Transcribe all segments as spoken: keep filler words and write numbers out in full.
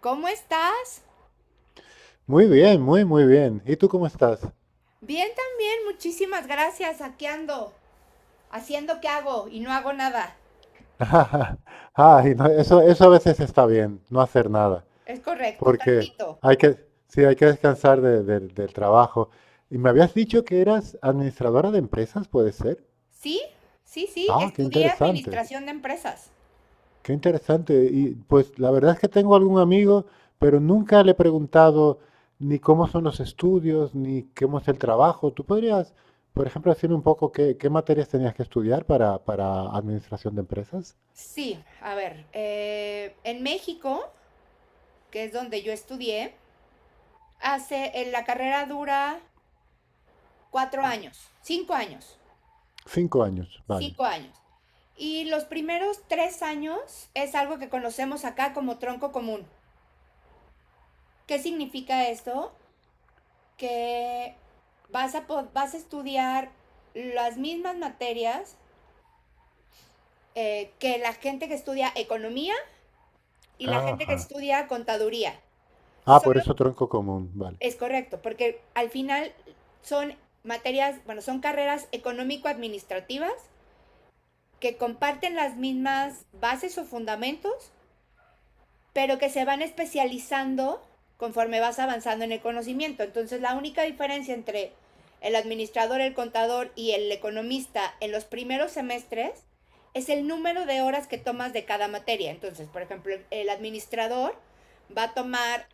¿Cómo estás? Muy bien, muy, muy bien. ¿Y tú cómo estás? Bien también, muchísimas gracias. Aquí ando, haciendo qué hago y no hago nada. Ay, no, eso, eso a veces está bien, no hacer nada, Es correcto, porque tantito. hay que, sí, hay que descansar de- del del trabajo. Y me habías dicho que eras administradora de empresas, ¿puede ser? ¿Sí? Sí, sí, Ah, qué estudié interesante, administración de empresas. qué interesante. Y pues la verdad es que tengo algún amigo, pero nunca le he preguntado ni cómo son los estudios, ni cómo es el trabajo. ¿Tú podrías, por ejemplo, decirme un poco qué, qué materias tenías que estudiar para, para administración de empresas? Sí, a ver, eh, en México, que es donde yo estudié, hace, en la carrera dura cuatro años, cinco años, Cinco años, vaya. cinco años. Y los primeros tres años es algo que conocemos acá como tronco común. ¿Qué significa esto? Que vas a, vas a estudiar las mismas materias eh, que la gente que estudia economía y la gente que Ajá. estudia contaduría. Ah, por Solo eso tronco común, vale. es correcto, porque al final son materias, bueno, son carreras económico-administrativas que comparten las mismas bases o fundamentos, pero que se van especializando conforme vas avanzando en el conocimiento. Entonces, la única diferencia entre el administrador, el contador y el economista en los primeros semestres es el número de horas que tomas de cada materia. Entonces, por ejemplo, el administrador va a tomar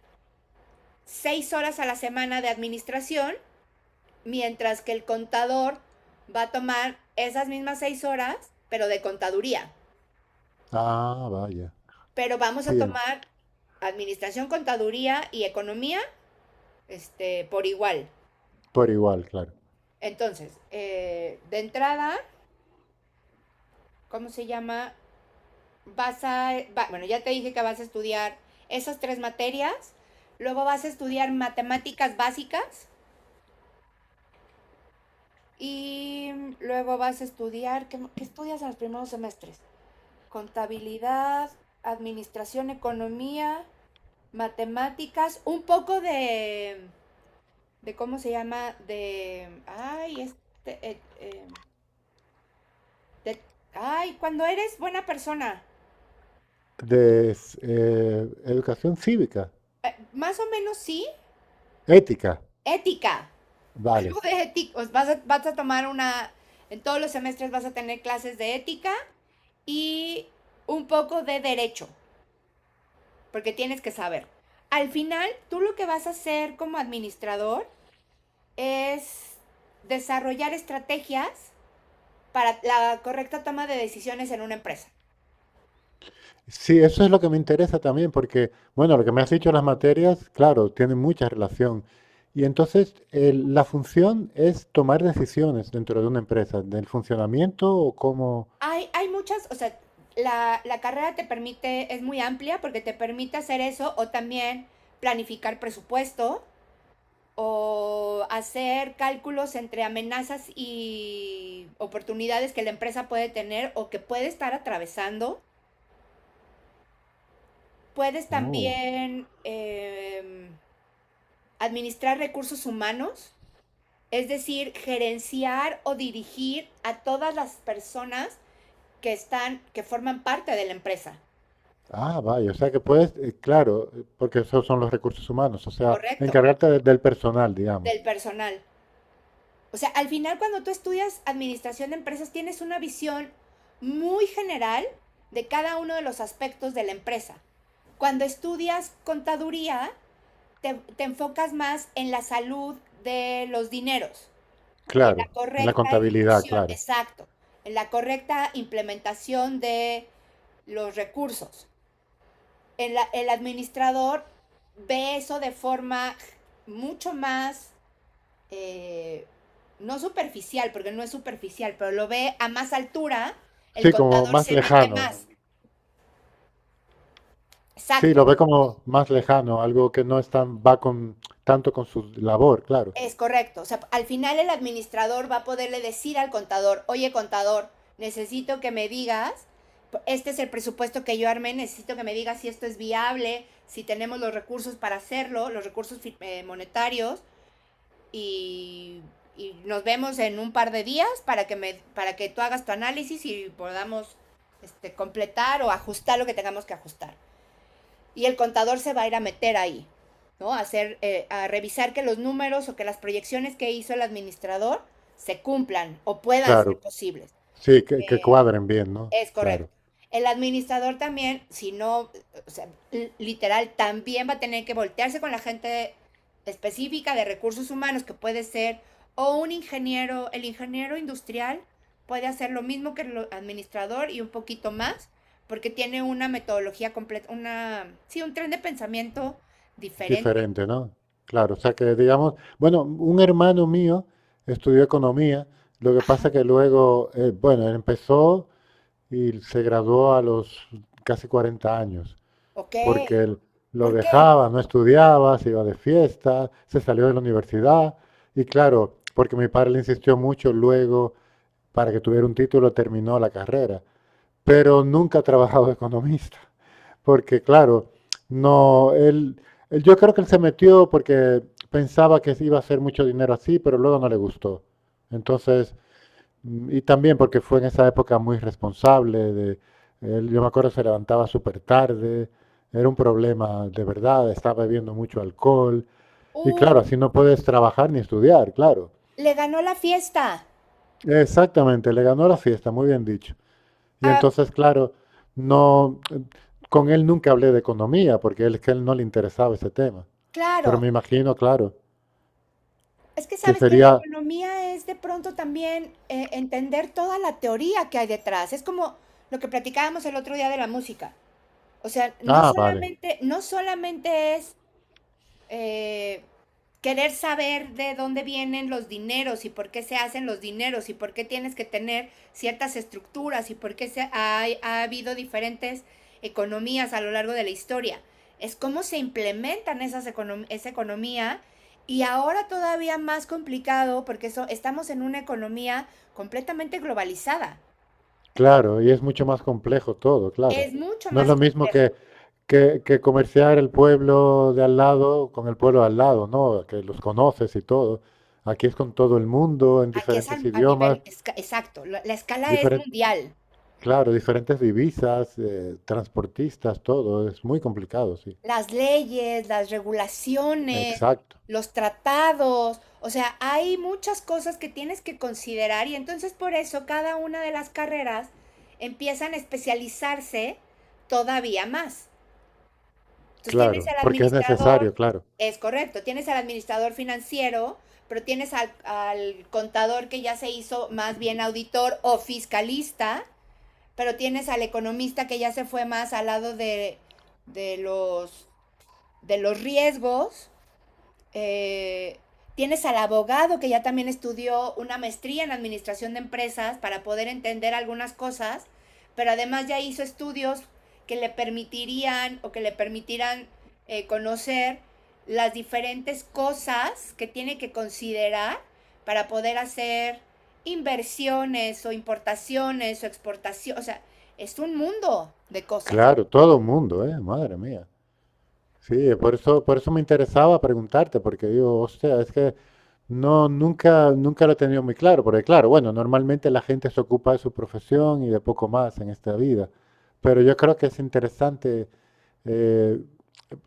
seis horas a la semana de administración, mientras que el contador va a tomar esas mismas seis horas, pero de contaduría. Ah, vaya. Pero vamos a Sí, en- tomar administración, contaduría y economía este, por igual. por igual, claro. Entonces, eh, de entrada, ¿cómo se llama? Vas a, va- bueno, ya te dije que vas a estudiar esas tres materias, luego vas a estudiar matemáticas básicas y luego vas a estudiar, ¿qué, qué estudias en los primeros semestres? Contabilidad, administración, economía, matemáticas, un poco de, de ¿cómo se llama? De, ay, este, eh, eh, Te- ay, cuando eres buena persona. De s- eh, educación cívica, Eh, más o menos sí. ética, Ética. Algo vale. de ética. Vas a, vas a tomar una... En todos los semestres vas a tener clases de ética y un poco de derecho, porque tienes que saber. Al final, tú lo que vas a hacer como administrador es desarrollar estrategias para la correcta toma de decisiones en una empresa. Sí, eso es lo que me interesa también, porque, bueno, lo que me has dicho, las materias, claro, tienen mucha relación. Y entonces, el- la función es tomar decisiones dentro de una empresa, del funcionamiento o cómo... Hay, hay muchas, o sea, la, la carrera te permite, es muy amplia porque te permite hacer eso o también planificar presupuesto o hacer cálculos entre amenazas y oportunidades que la empresa puede tener o que puede estar atravesando. Puedes Oh. también eh, administrar recursos humanos, es decir, gerenciar o dirigir a todas las personas que están, que forman parte de la empresa. Ah, vaya, o sea que puedes, eh, claro, eh, porque esos son los recursos humanos, o sea, Correcto. encargarte de- del personal, digamos, Del personal. O sea, al final cuando tú estudias administración de empresas tienes una visión muy general de cada uno de los aspectos de la empresa. Cuando estudias contaduría, te, te enfocas más en la salud de los dineros y en la claro, en la correcta contabilidad, ejecución, claro. exacto, en la correcta implementación de los recursos. el, el administrador ve eso de forma mucho más eh, no superficial, porque no es superficial, pero lo ve a más altura, el Sí, como contador más se mete lejano, más. sí, Exacto, lo ve como más lejano, algo que no es tan, va con, tanto con su labor, claro, es correcto. O sea, al final el administrador va a poderle decir al contador, oye contador, necesito que me digas, este es el presupuesto que yo armé, necesito que me digas si esto es viable, si tenemos los recursos para hacerlo, los recursos eh, monetarios, y, y nos vemos en un par de días para que, me, para que tú hagas tu análisis y podamos este, completar o ajustar lo que tengamos que ajustar. Y el contador se va a ir a meter ahí, ¿no? A hacer, eh, a revisar que los números o que las proyecciones que hizo el administrador se cumplan o puedan ser claro, posibles. sí, que, que Eh, cuadren bien, ¿no? es correcto. Claro, El administrador también, si no, o sea, literal, también va a tener que voltearse con la gente específica de recursos humanos, que puede ser o un ingeniero, el ingeniero industrial puede hacer lo mismo que el administrador y un poquito más, porque tiene una metodología completa, una, sí, un tren de pensamiento diferente. diferente, ¿no? Claro, o sea que, digamos, bueno, un hermano mío estudió economía, lo que pasa que luego, eh, bueno, él empezó... y se graduó a los casi cuarenta años, Ok, porque él lo ¿por qué? dejaba, no estudiaba, se iba de fiesta, se salió de la universidad y claro, porque mi padre le insistió mucho luego para que tuviera un título, terminó la carrera, pero nunca ha trabajado de economista, porque claro, no, él, él- yo creo que él se metió porque pensaba que iba a hacer mucho dinero así, pero luego no le gustó. Entonces, mm, y también porque fue en esa época muy responsable, de, él, yo me acuerdo se levantaba súper tarde, era un problema de verdad, estaba bebiendo mucho alcohol, y claro, Uh, así no puedes trabajar ni estudiar, claro. le ganó la fiesta. Exactamente, le ganó la fiesta, muy bien dicho. Y Ah, entonces, claro, no, eh, con él nunca hablé de economía, porque él, es que él no le interesaba ese tema. Pero claro. me imagino, claro, Es que que sabes que la sería, economía es de pronto también eh, entender toda la teoría que hay detrás. Es como lo que platicábamos el otro día de la música. O sea, no ah, vale. solamente, no solamente es eh, querer saber de dónde vienen los dineros y por qué se hacen los dineros y por qué tienes que tener ciertas estructuras y por qué se ha, ha habido diferentes economías a lo largo de la historia. Es cómo se implementan esas econom esa economía y ahora todavía más complicado porque so estamos en una economía completamente globalizada. Claro, y es mucho más complejo todo, claro. Es mucho No es más lo mismo complejo. que, que, que comerciar el pueblo de al lado con el pueblo de al lado, ¿no? Que los conoces y todo. Aquí es con todo el mundo, en Aquí es a, diferentes a idiomas, nivel esca- exacto. La, la escala es diferen- mundial. claro, diferentes divisas, eh, transportistas, todo. Es muy complicado, sí. Las leyes, las regulaciones, Exacto, los tratados, o sea, hay muchas cosas que tienes que considerar y entonces por eso cada una de las carreras empiezan a especializarse todavía más. Entonces tienes claro, al porque es administrador, necesario, claro. es correcto, tienes al administrador financiero, pero tienes al, al contador que ya se hizo más bien auditor o fiscalista, pero tienes al economista que ya se fue más al lado de, de los de los riesgos. Eh, tienes al abogado que ya también estudió una maestría en administración de empresas para poder entender algunas cosas, pero además ya hizo estudios que le permitirían o que le permitirán eh, conocer las diferentes cosas que tiene que considerar para poder hacer inversiones o importaciones o exportación, o sea, es un mundo de cosas. Claro, todo el mundo, ¿eh? Madre mía. Sí, por eso, por eso me interesaba preguntarte, porque digo, hostia, es que no, nunca, nunca lo he tenido muy claro, porque claro, bueno, normalmente la gente se ocupa de su profesión y de poco más en esta vida, pero yo creo que es interesante eh,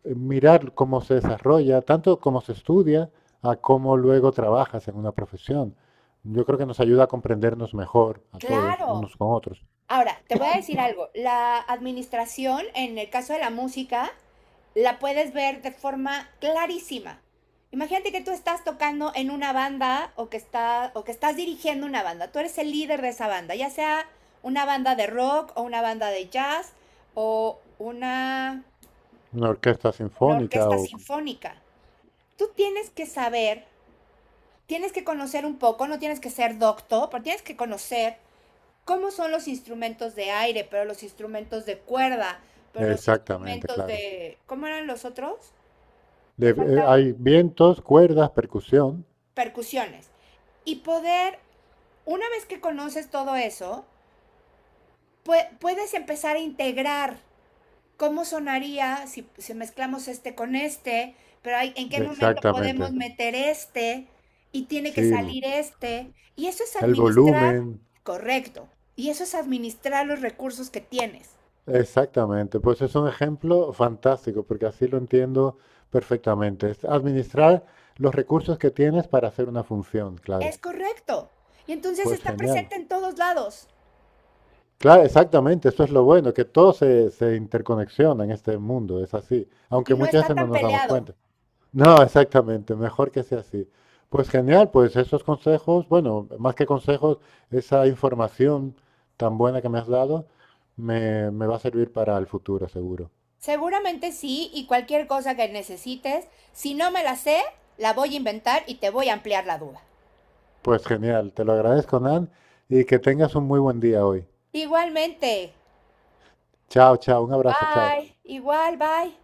eh, mirar cómo se desarrolla, tanto cómo se estudia, a cómo luego trabajas en una profesión. Yo creo que nos ayuda a comprendernos mejor a todos, Claro. unos con otros. Ahora, te voy a decir algo. La administración, en el caso de la música, la puedes ver de forma clarísima. Imagínate que tú estás tocando en una banda o que, está, o que estás dirigiendo una banda. Tú eres el líder de esa banda, ya sea una banda de rock o una banda de jazz o una, Una orquesta una sinfónica orquesta o... sinfónica. Tú tienes que saber, tienes que conocer un poco, no tienes que ser doctor, pero tienes que conocer cómo son los instrumentos de aire, pero los instrumentos de cuerda, pero los Exactamente, instrumentos claro. de, ¿cómo eran los otros? De- Me eh, falta uno, Hay vientos, cuerdas, percusión. percusiones. Y poder, una vez que conoces todo eso, pu puedes empezar a integrar cómo sonaría si, si mezclamos este con este, pero hay, en qué momento podemos Exactamente. meter este y tiene Sí, que el, salir este. Y eso es el administrar, volumen. correcto, y eso es administrar los recursos que tienes. Exactamente. Pues es un ejemplo fantástico, porque así lo entiendo perfectamente. Es administrar los recursos que tienes para hacer una función, claro. Es correcto. Y entonces Pues está genial. presente en todos lados Claro, exactamente. Eso es lo bueno, que todo se, se interconexiona en este mundo. Es así. y Aunque no muchas está veces no tan nos damos peleado. cuenta. No, exactamente, mejor que sea así. Pues genial, pues esos consejos, bueno, más que consejos, esa información tan buena que me has dado me, me va a servir para el futuro, seguro. Seguramente sí, y cualquier cosa que necesites, si no me la sé, la voy a inventar y te voy a ampliar la duda. Pues genial, te lo agradezco, Nan, y que tengas un muy buen día hoy. Igualmente. Chao, chao, un abrazo, chao. Bye. Igual, bye.